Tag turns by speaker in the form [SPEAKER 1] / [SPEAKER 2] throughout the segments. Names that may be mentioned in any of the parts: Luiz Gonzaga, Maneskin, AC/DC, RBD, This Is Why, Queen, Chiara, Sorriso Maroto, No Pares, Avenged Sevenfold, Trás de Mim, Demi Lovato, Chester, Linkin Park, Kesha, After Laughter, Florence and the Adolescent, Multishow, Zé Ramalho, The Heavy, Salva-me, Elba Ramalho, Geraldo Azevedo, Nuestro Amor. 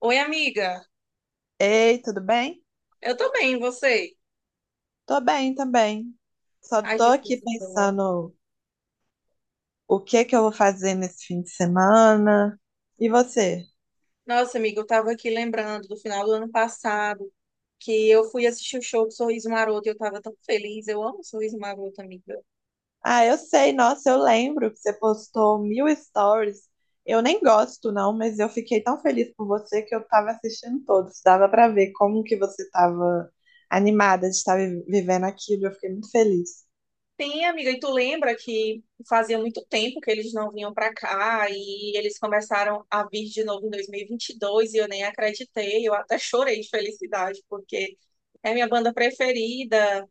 [SPEAKER 1] Oi, amiga.
[SPEAKER 2] Ei, tudo bem?
[SPEAKER 1] Eu tô bem, e você?
[SPEAKER 2] Tô bem também. Só
[SPEAKER 1] Ai,
[SPEAKER 2] tô
[SPEAKER 1] que
[SPEAKER 2] aqui
[SPEAKER 1] coisa boa.
[SPEAKER 2] pensando o que que eu vou fazer nesse fim de semana. E você?
[SPEAKER 1] Nossa, amiga, eu tava aqui lembrando do final do ano passado que eu fui assistir o show do Sorriso Maroto e eu tava tão feliz. Eu amo o Sorriso Maroto, amiga.
[SPEAKER 2] Ah, eu sei, nossa, eu lembro que você postou mil stories. Eu nem gosto, não, mas eu fiquei tão feliz por você que eu tava assistindo todos. Dava pra ver como que você tava animada de estar vivendo aquilo. Eu fiquei muito feliz.
[SPEAKER 1] Tem, amiga, e tu lembra que fazia muito tempo que eles não vinham pra cá e eles começaram a vir de novo em 2022 e vinte e dois e eu nem acreditei. Eu até chorei de felicidade porque é minha banda preferida.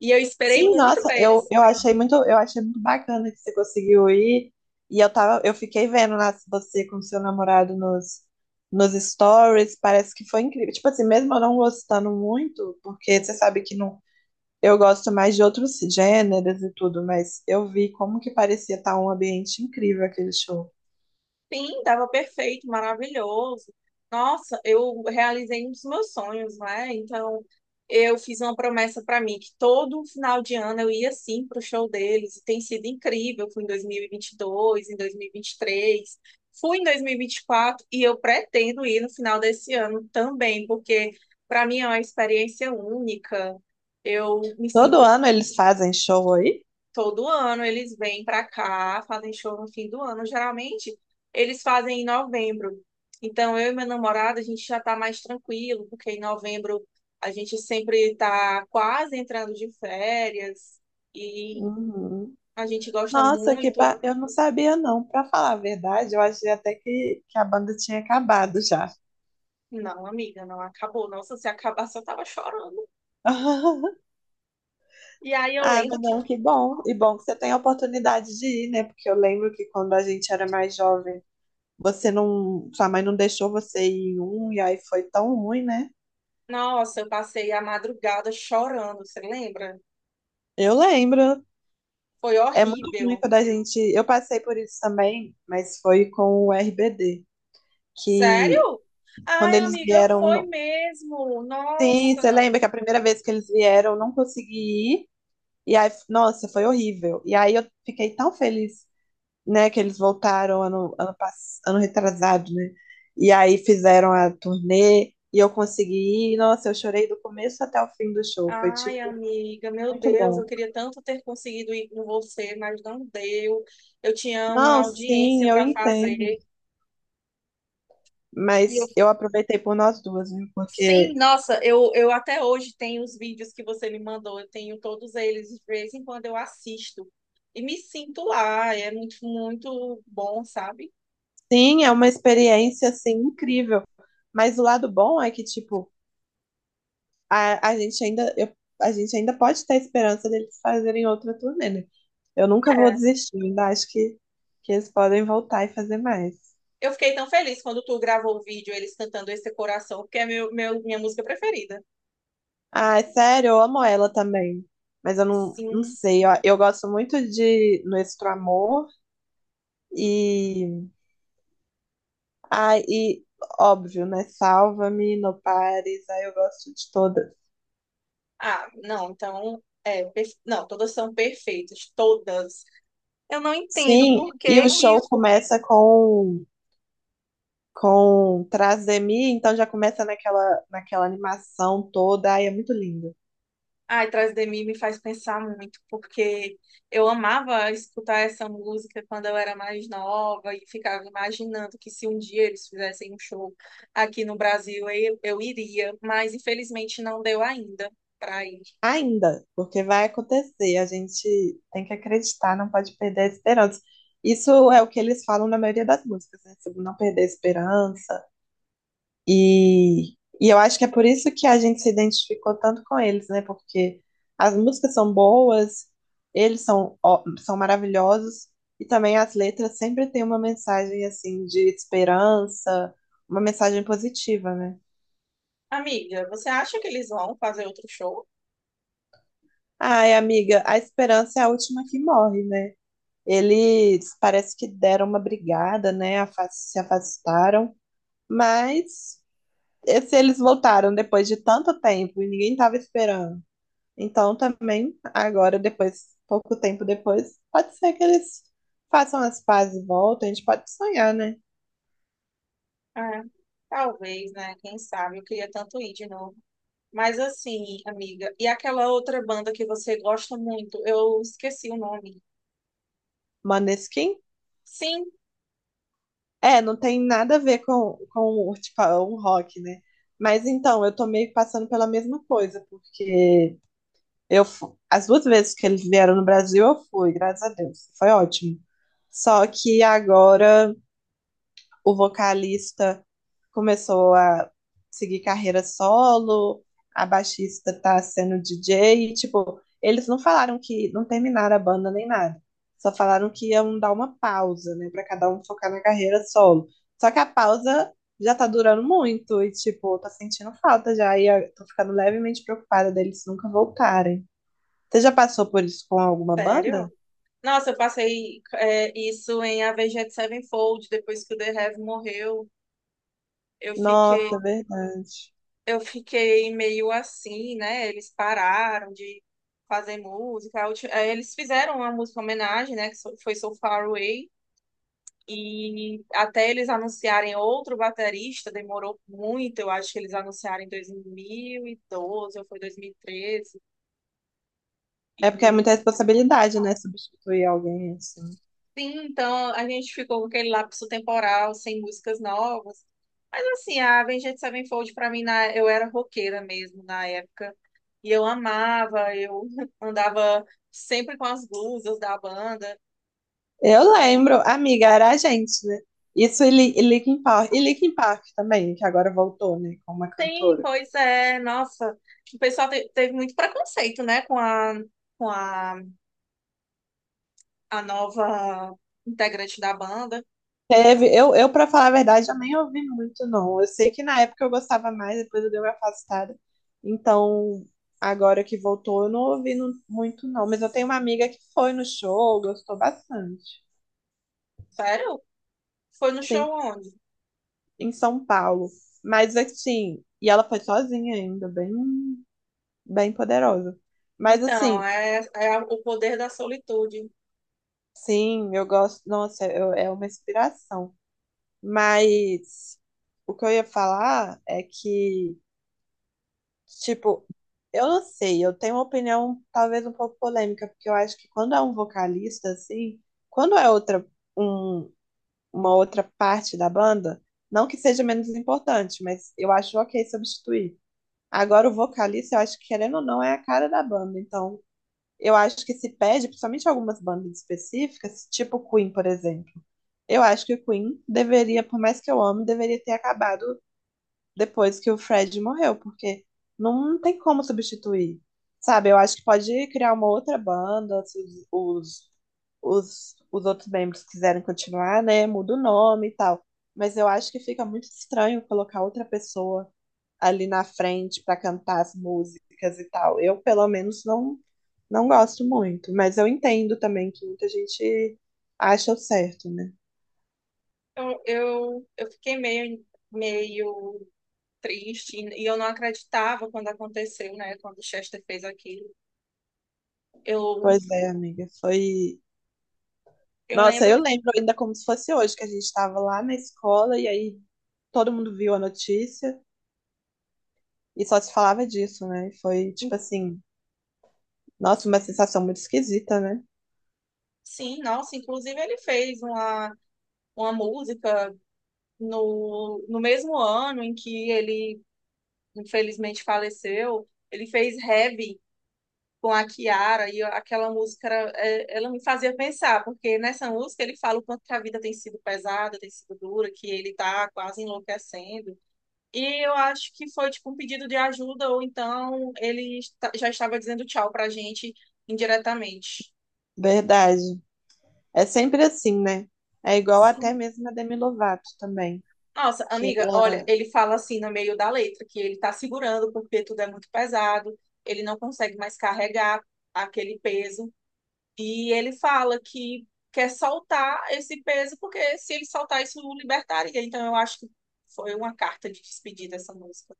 [SPEAKER 1] E eu esperei
[SPEAKER 2] Sim,
[SPEAKER 1] muito
[SPEAKER 2] nossa,
[SPEAKER 1] para
[SPEAKER 2] eu,
[SPEAKER 1] eles
[SPEAKER 2] eu achei muito, eu achei muito bacana que você conseguiu ir. E eu tava, eu fiquei vendo lá você com seu namorado nos stories, parece que foi incrível. Tipo assim, mesmo eu não gostando muito, porque você sabe que não, eu gosto mais de outros gêneros e tudo, mas eu vi como que parecia estar um ambiente incrível aquele show.
[SPEAKER 1] Sim, estava perfeito, maravilhoso. Nossa, eu realizei um dos meus sonhos, né? Então, eu fiz uma promessa para mim que todo final de ano eu ia sim pro show deles. E tem sido incrível. Fui em dois mil e vinte e dois, em dois mil e vinte e três, fui em dois mil e vinte e quatro e eu pretendo ir no final desse ano também, porque para mim é uma experiência única. Eu me
[SPEAKER 2] Todo
[SPEAKER 1] sinto
[SPEAKER 2] ano eles fazem show aí?
[SPEAKER 1] Todo ano eles vêm para cá, fazem show no fim do ano. Geralmente eles fazem em novembro. Então eu e meu namorado a gente já está mais tranquilo, porque em novembro a gente sempre está quase entrando de férias e
[SPEAKER 2] Uhum.
[SPEAKER 1] a gente gosta
[SPEAKER 2] Nossa,
[SPEAKER 1] muito.
[SPEAKER 2] eu não sabia não. Pra falar a verdade, eu achei até que a banda tinha acabado já.
[SPEAKER 1] Não, amiga, não acabou. Nossa, se acabasse eu tava chorando. E aí eu
[SPEAKER 2] Ah,
[SPEAKER 1] lembro
[SPEAKER 2] mas
[SPEAKER 1] que,
[SPEAKER 2] não, que bom. E bom que você tem a oportunidade de ir, né? Porque eu lembro que quando a gente era mais jovem, você não, sua mãe não deixou você ir em um e aí foi tão ruim, né?
[SPEAKER 1] nossa, eu passei a madrugada chorando, você lembra?
[SPEAKER 2] Eu lembro.
[SPEAKER 1] Foi
[SPEAKER 2] É muito ruim
[SPEAKER 1] horrível.
[SPEAKER 2] quando a gente, eu passei por isso também, mas foi com o RBD, que
[SPEAKER 1] Sério?
[SPEAKER 2] quando
[SPEAKER 1] Ai,
[SPEAKER 2] eles
[SPEAKER 1] amiga,
[SPEAKER 2] vieram,
[SPEAKER 1] foi mesmo.
[SPEAKER 2] sim, você
[SPEAKER 1] Nossa.
[SPEAKER 2] lembra que a primeira vez que eles vieram, eu não consegui ir. E aí, nossa, foi horrível. E aí eu fiquei tão feliz né? Que eles voltaram ano, ano, ano retrasado, né? E aí fizeram a turnê e eu consegui ir. Nossa, eu chorei do começo até o fim do show. Foi,
[SPEAKER 1] Ai,
[SPEAKER 2] tipo,
[SPEAKER 1] amiga, meu
[SPEAKER 2] muito
[SPEAKER 1] Deus, eu
[SPEAKER 2] bom.
[SPEAKER 1] queria tanto ter conseguido ir com você, mas não deu. Eu tinha uma
[SPEAKER 2] Não, sim,
[SPEAKER 1] audiência
[SPEAKER 2] eu
[SPEAKER 1] para
[SPEAKER 2] entendo.
[SPEAKER 1] fazer. E eu,
[SPEAKER 2] Mas eu aproveitei por nós duas, viu?
[SPEAKER 1] sim,
[SPEAKER 2] Porque,
[SPEAKER 1] nossa, eu até hoje tenho os vídeos que você me mandou, eu tenho todos eles, de vez em quando eu assisto. E me sinto lá, é muito, muito bom, sabe?
[SPEAKER 2] sim, é uma experiência, assim, incrível. Mas o lado bom é que, tipo, a, a gente ainda, eu- a gente ainda pode ter a esperança deles fazerem outra turnê, né? Eu nunca vou
[SPEAKER 1] É.
[SPEAKER 2] desistir, ainda acho que eles podem voltar e fazer mais.
[SPEAKER 1] Eu fiquei tão feliz quando tu gravou o vídeo, eles cantando Esse Coração, porque é minha música preferida.
[SPEAKER 2] Ai, sério, eu amo ela também. Mas eu não, não
[SPEAKER 1] Sim.
[SPEAKER 2] sei, ó, eu gosto muito de Nuestro Amor e. Ai, e óbvio, né? Salva-me, No Pares, aí eu gosto de todas.
[SPEAKER 1] Ah, não, então, é, não, todas são perfeitas, todas. Eu não entendo
[SPEAKER 2] Sim,
[SPEAKER 1] por
[SPEAKER 2] e
[SPEAKER 1] que
[SPEAKER 2] o
[SPEAKER 1] que
[SPEAKER 2] show começa com. Com Trás de Mim, então já começa naquela, naquela animação toda, ai, é muito lindo.
[SPEAKER 1] Ai, Trás de Mim me faz pensar muito, porque eu amava escutar essa música quando eu era mais nova e ficava imaginando que se um dia eles fizessem um show aqui no Brasil, eu iria, mas infelizmente não deu ainda pra ir.
[SPEAKER 2] Ainda, porque vai acontecer, a gente tem que acreditar, não pode perder a esperança. Isso é o que eles falam na maioria das músicas, né? Sobre não perder a esperança. E, e eu acho que é por isso que a gente se identificou tanto com eles, né? Porque as músicas são boas, eles são, são maravilhosos, e também as letras sempre têm uma mensagem, assim, de esperança, uma mensagem positiva, né?
[SPEAKER 1] Amiga, você acha que eles vão fazer outro show?
[SPEAKER 2] Ai, amiga, a esperança é a última que morre, né? Eles parece que deram uma brigada, né? Se afastaram, mas se eles voltaram depois de tanto tempo e ninguém estava esperando. Então também agora depois, pouco tempo depois, pode ser que eles façam as pazes e voltem. A gente pode sonhar, né?
[SPEAKER 1] É, talvez, né? Quem sabe? Eu queria tanto ir de novo. Mas assim, amiga, e aquela outra banda que você gosta muito, eu esqueci o nome.
[SPEAKER 2] Maneskin?
[SPEAKER 1] Sim,
[SPEAKER 2] É, não tem nada a ver com o, tipo, o rock, né? Mas então, eu tô meio que passando pela mesma coisa, porque as duas vezes que eles vieram no Brasil, eu fui, graças a Deus. Foi ótimo. Só que agora o vocalista começou a seguir carreira solo, a baixista tá sendo DJ, e, tipo, eles não falaram que não terminaram a banda nem nada. Só falaram que iam dar uma pausa, né, para cada um focar na carreira solo. Só que a pausa já tá durando muito e tipo, eu tô sentindo falta já e eu tô ficando levemente preocupada deles nunca voltarem. Você já passou por isso com alguma banda?
[SPEAKER 1] sério? Nossa, eu passei isso em Avenged Sevenfold, depois que o The Heavy morreu, eu fiquei,
[SPEAKER 2] Nossa, é verdade.
[SPEAKER 1] eu fiquei meio assim, né? Eles pararam de fazer música. Eles fizeram uma música homenagem, né? Foi So Far Away. E até eles anunciarem outro baterista, demorou muito. Eu acho que eles anunciaram em 2012 ou foi 2013. E
[SPEAKER 2] É porque é
[SPEAKER 1] treze.
[SPEAKER 2] muita
[SPEAKER 1] E,
[SPEAKER 2] responsabilidade, né? Substituir alguém assim.
[SPEAKER 1] sim, então a gente ficou com aquele lapso temporal, sem músicas novas. Mas assim, a Avenged Sevenfold pra mim, eu era roqueira mesmo na época. E eu amava, eu andava sempre com as blusas da banda.
[SPEAKER 2] Eu
[SPEAKER 1] E
[SPEAKER 2] lembro, amiga, era a gente, né? Isso e Linkin Park. E Linkin Park também, que agora voltou, né? Com uma
[SPEAKER 1] sim,
[SPEAKER 2] cantora.
[SPEAKER 1] pois é, nossa. O pessoal teve muito preconceito, né, com a nova integrante da banda.
[SPEAKER 2] Teve, pra falar a verdade, eu nem ouvi muito, não. Eu sei que na época eu gostava mais, depois eu dei uma afastada. Então, agora que voltou, eu não ouvi muito, não. Mas eu tenho uma amiga que foi no show, gostou bastante.
[SPEAKER 1] Sério? Foi no show
[SPEAKER 2] Sim,
[SPEAKER 1] onde?
[SPEAKER 2] em São Paulo. Mas assim, e ela foi sozinha ainda, bem, bem poderosa. Mas
[SPEAKER 1] Então,
[SPEAKER 2] assim,
[SPEAKER 1] é, o poder da solitude.
[SPEAKER 2] sim, eu gosto, nossa, é uma inspiração. Mas o que eu ia falar é que, tipo, eu não sei, eu tenho uma opinião talvez um pouco polêmica, porque eu acho que quando é um vocalista, assim, quando é outra, um, uma outra parte da banda, não que seja menos importante, mas eu acho ok substituir. Agora, o vocalista, eu acho que, querendo ou não, é a cara da banda. Então, eu acho que se pede, principalmente algumas bandas específicas, tipo Queen, por exemplo. Eu acho que o Queen deveria, por mais que eu ame, deveria ter acabado depois que o Fred morreu, porque não tem como substituir. Sabe, eu acho que pode criar uma outra banda, se os, os outros membros quiserem continuar, né? Muda o nome e tal. Mas eu acho que fica muito estranho colocar outra pessoa ali na frente para cantar as músicas e tal. Eu, pelo menos, não, não gosto muito, mas eu entendo também que muita gente acha o certo, né?
[SPEAKER 1] Eu fiquei meio triste e eu não acreditava quando aconteceu, né? Quando o Chester fez aquilo. Eu,
[SPEAKER 2] Pois é, amiga, foi.
[SPEAKER 1] eu
[SPEAKER 2] Nossa,
[SPEAKER 1] lembro,
[SPEAKER 2] eu lembro ainda como se fosse hoje, que a gente estava lá na escola e aí todo mundo viu a notícia e só se falava disso, né? Foi tipo assim, nossa, uma sensação muito esquisita, né?
[SPEAKER 1] sim, nossa, inclusive ele fez uma música no mesmo ano em que ele infelizmente faleceu. Ele fez Heavy, com a Chiara e aquela música é, ela me fazia pensar, porque nessa música ele fala o quanto que a vida tem sido pesada, tem sido dura, que ele tá quase enlouquecendo. E eu acho que foi tipo um pedido de ajuda, ou então ele já estava dizendo tchau pra gente indiretamente.
[SPEAKER 2] Verdade. É sempre assim, né? É igual
[SPEAKER 1] Sim.
[SPEAKER 2] até mesmo a Demi Lovato também,
[SPEAKER 1] Nossa,
[SPEAKER 2] que
[SPEAKER 1] amiga, olha, ele fala assim no meio da letra que ele tá segurando porque tudo é muito pesado, ele não consegue mais carregar aquele peso. E ele fala que quer soltar esse peso, porque se ele soltar isso, o libertaria. Então, eu acho que foi uma carta de despedida essa música.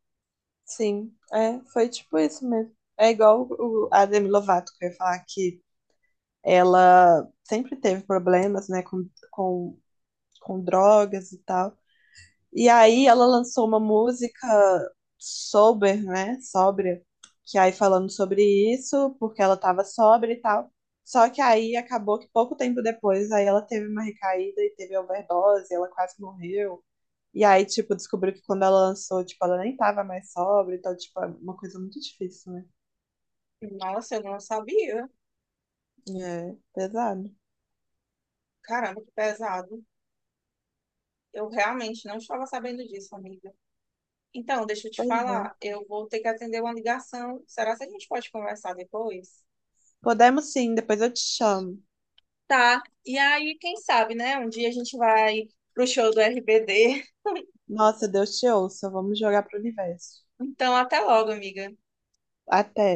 [SPEAKER 2] sim, é, foi tipo isso mesmo. É igual o, a Demi Lovato, que eu ia falar que ela sempre teve problemas, né, com drogas e tal. E aí ela lançou uma música sober, né, sóbria, que aí falando sobre isso, porque ela tava sóbria e tal. Só que aí acabou que pouco tempo depois, aí ela teve uma recaída e teve overdose, ela quase morreu. E aí, tipo, descobriu que quando ela lançou, tipo, ela nem tava mais sóbria, então, tipo, é uma coisa muito difícil, né?
[SPEAKER 1] Nossa, eu não sabia.
[SPEAKER 2] É, pesado.
[SPEAKER 1] Caramba, que pesado. Eu realmente não estava sabendo disso, amiga. Então, deixa eu te
[SPEAKER 2] Pois é.
[SPEAKER 1] falar, eu vou ter que atender uma ligação. Será que a gente pode conversar depois?
[SPEAKER 2] Podemos sim, depois eu te chamo.
[SPEAKER 1] Tá. E aí, quem sabe, né? Um dia a gente vai pro show do RBD.
[SPEAKER 2] Nossa, Deus te ouça, vamos jogar pro universo.
[SPEAKER 1] Então, até logo, amiga.
[SPEAKER 2] Até.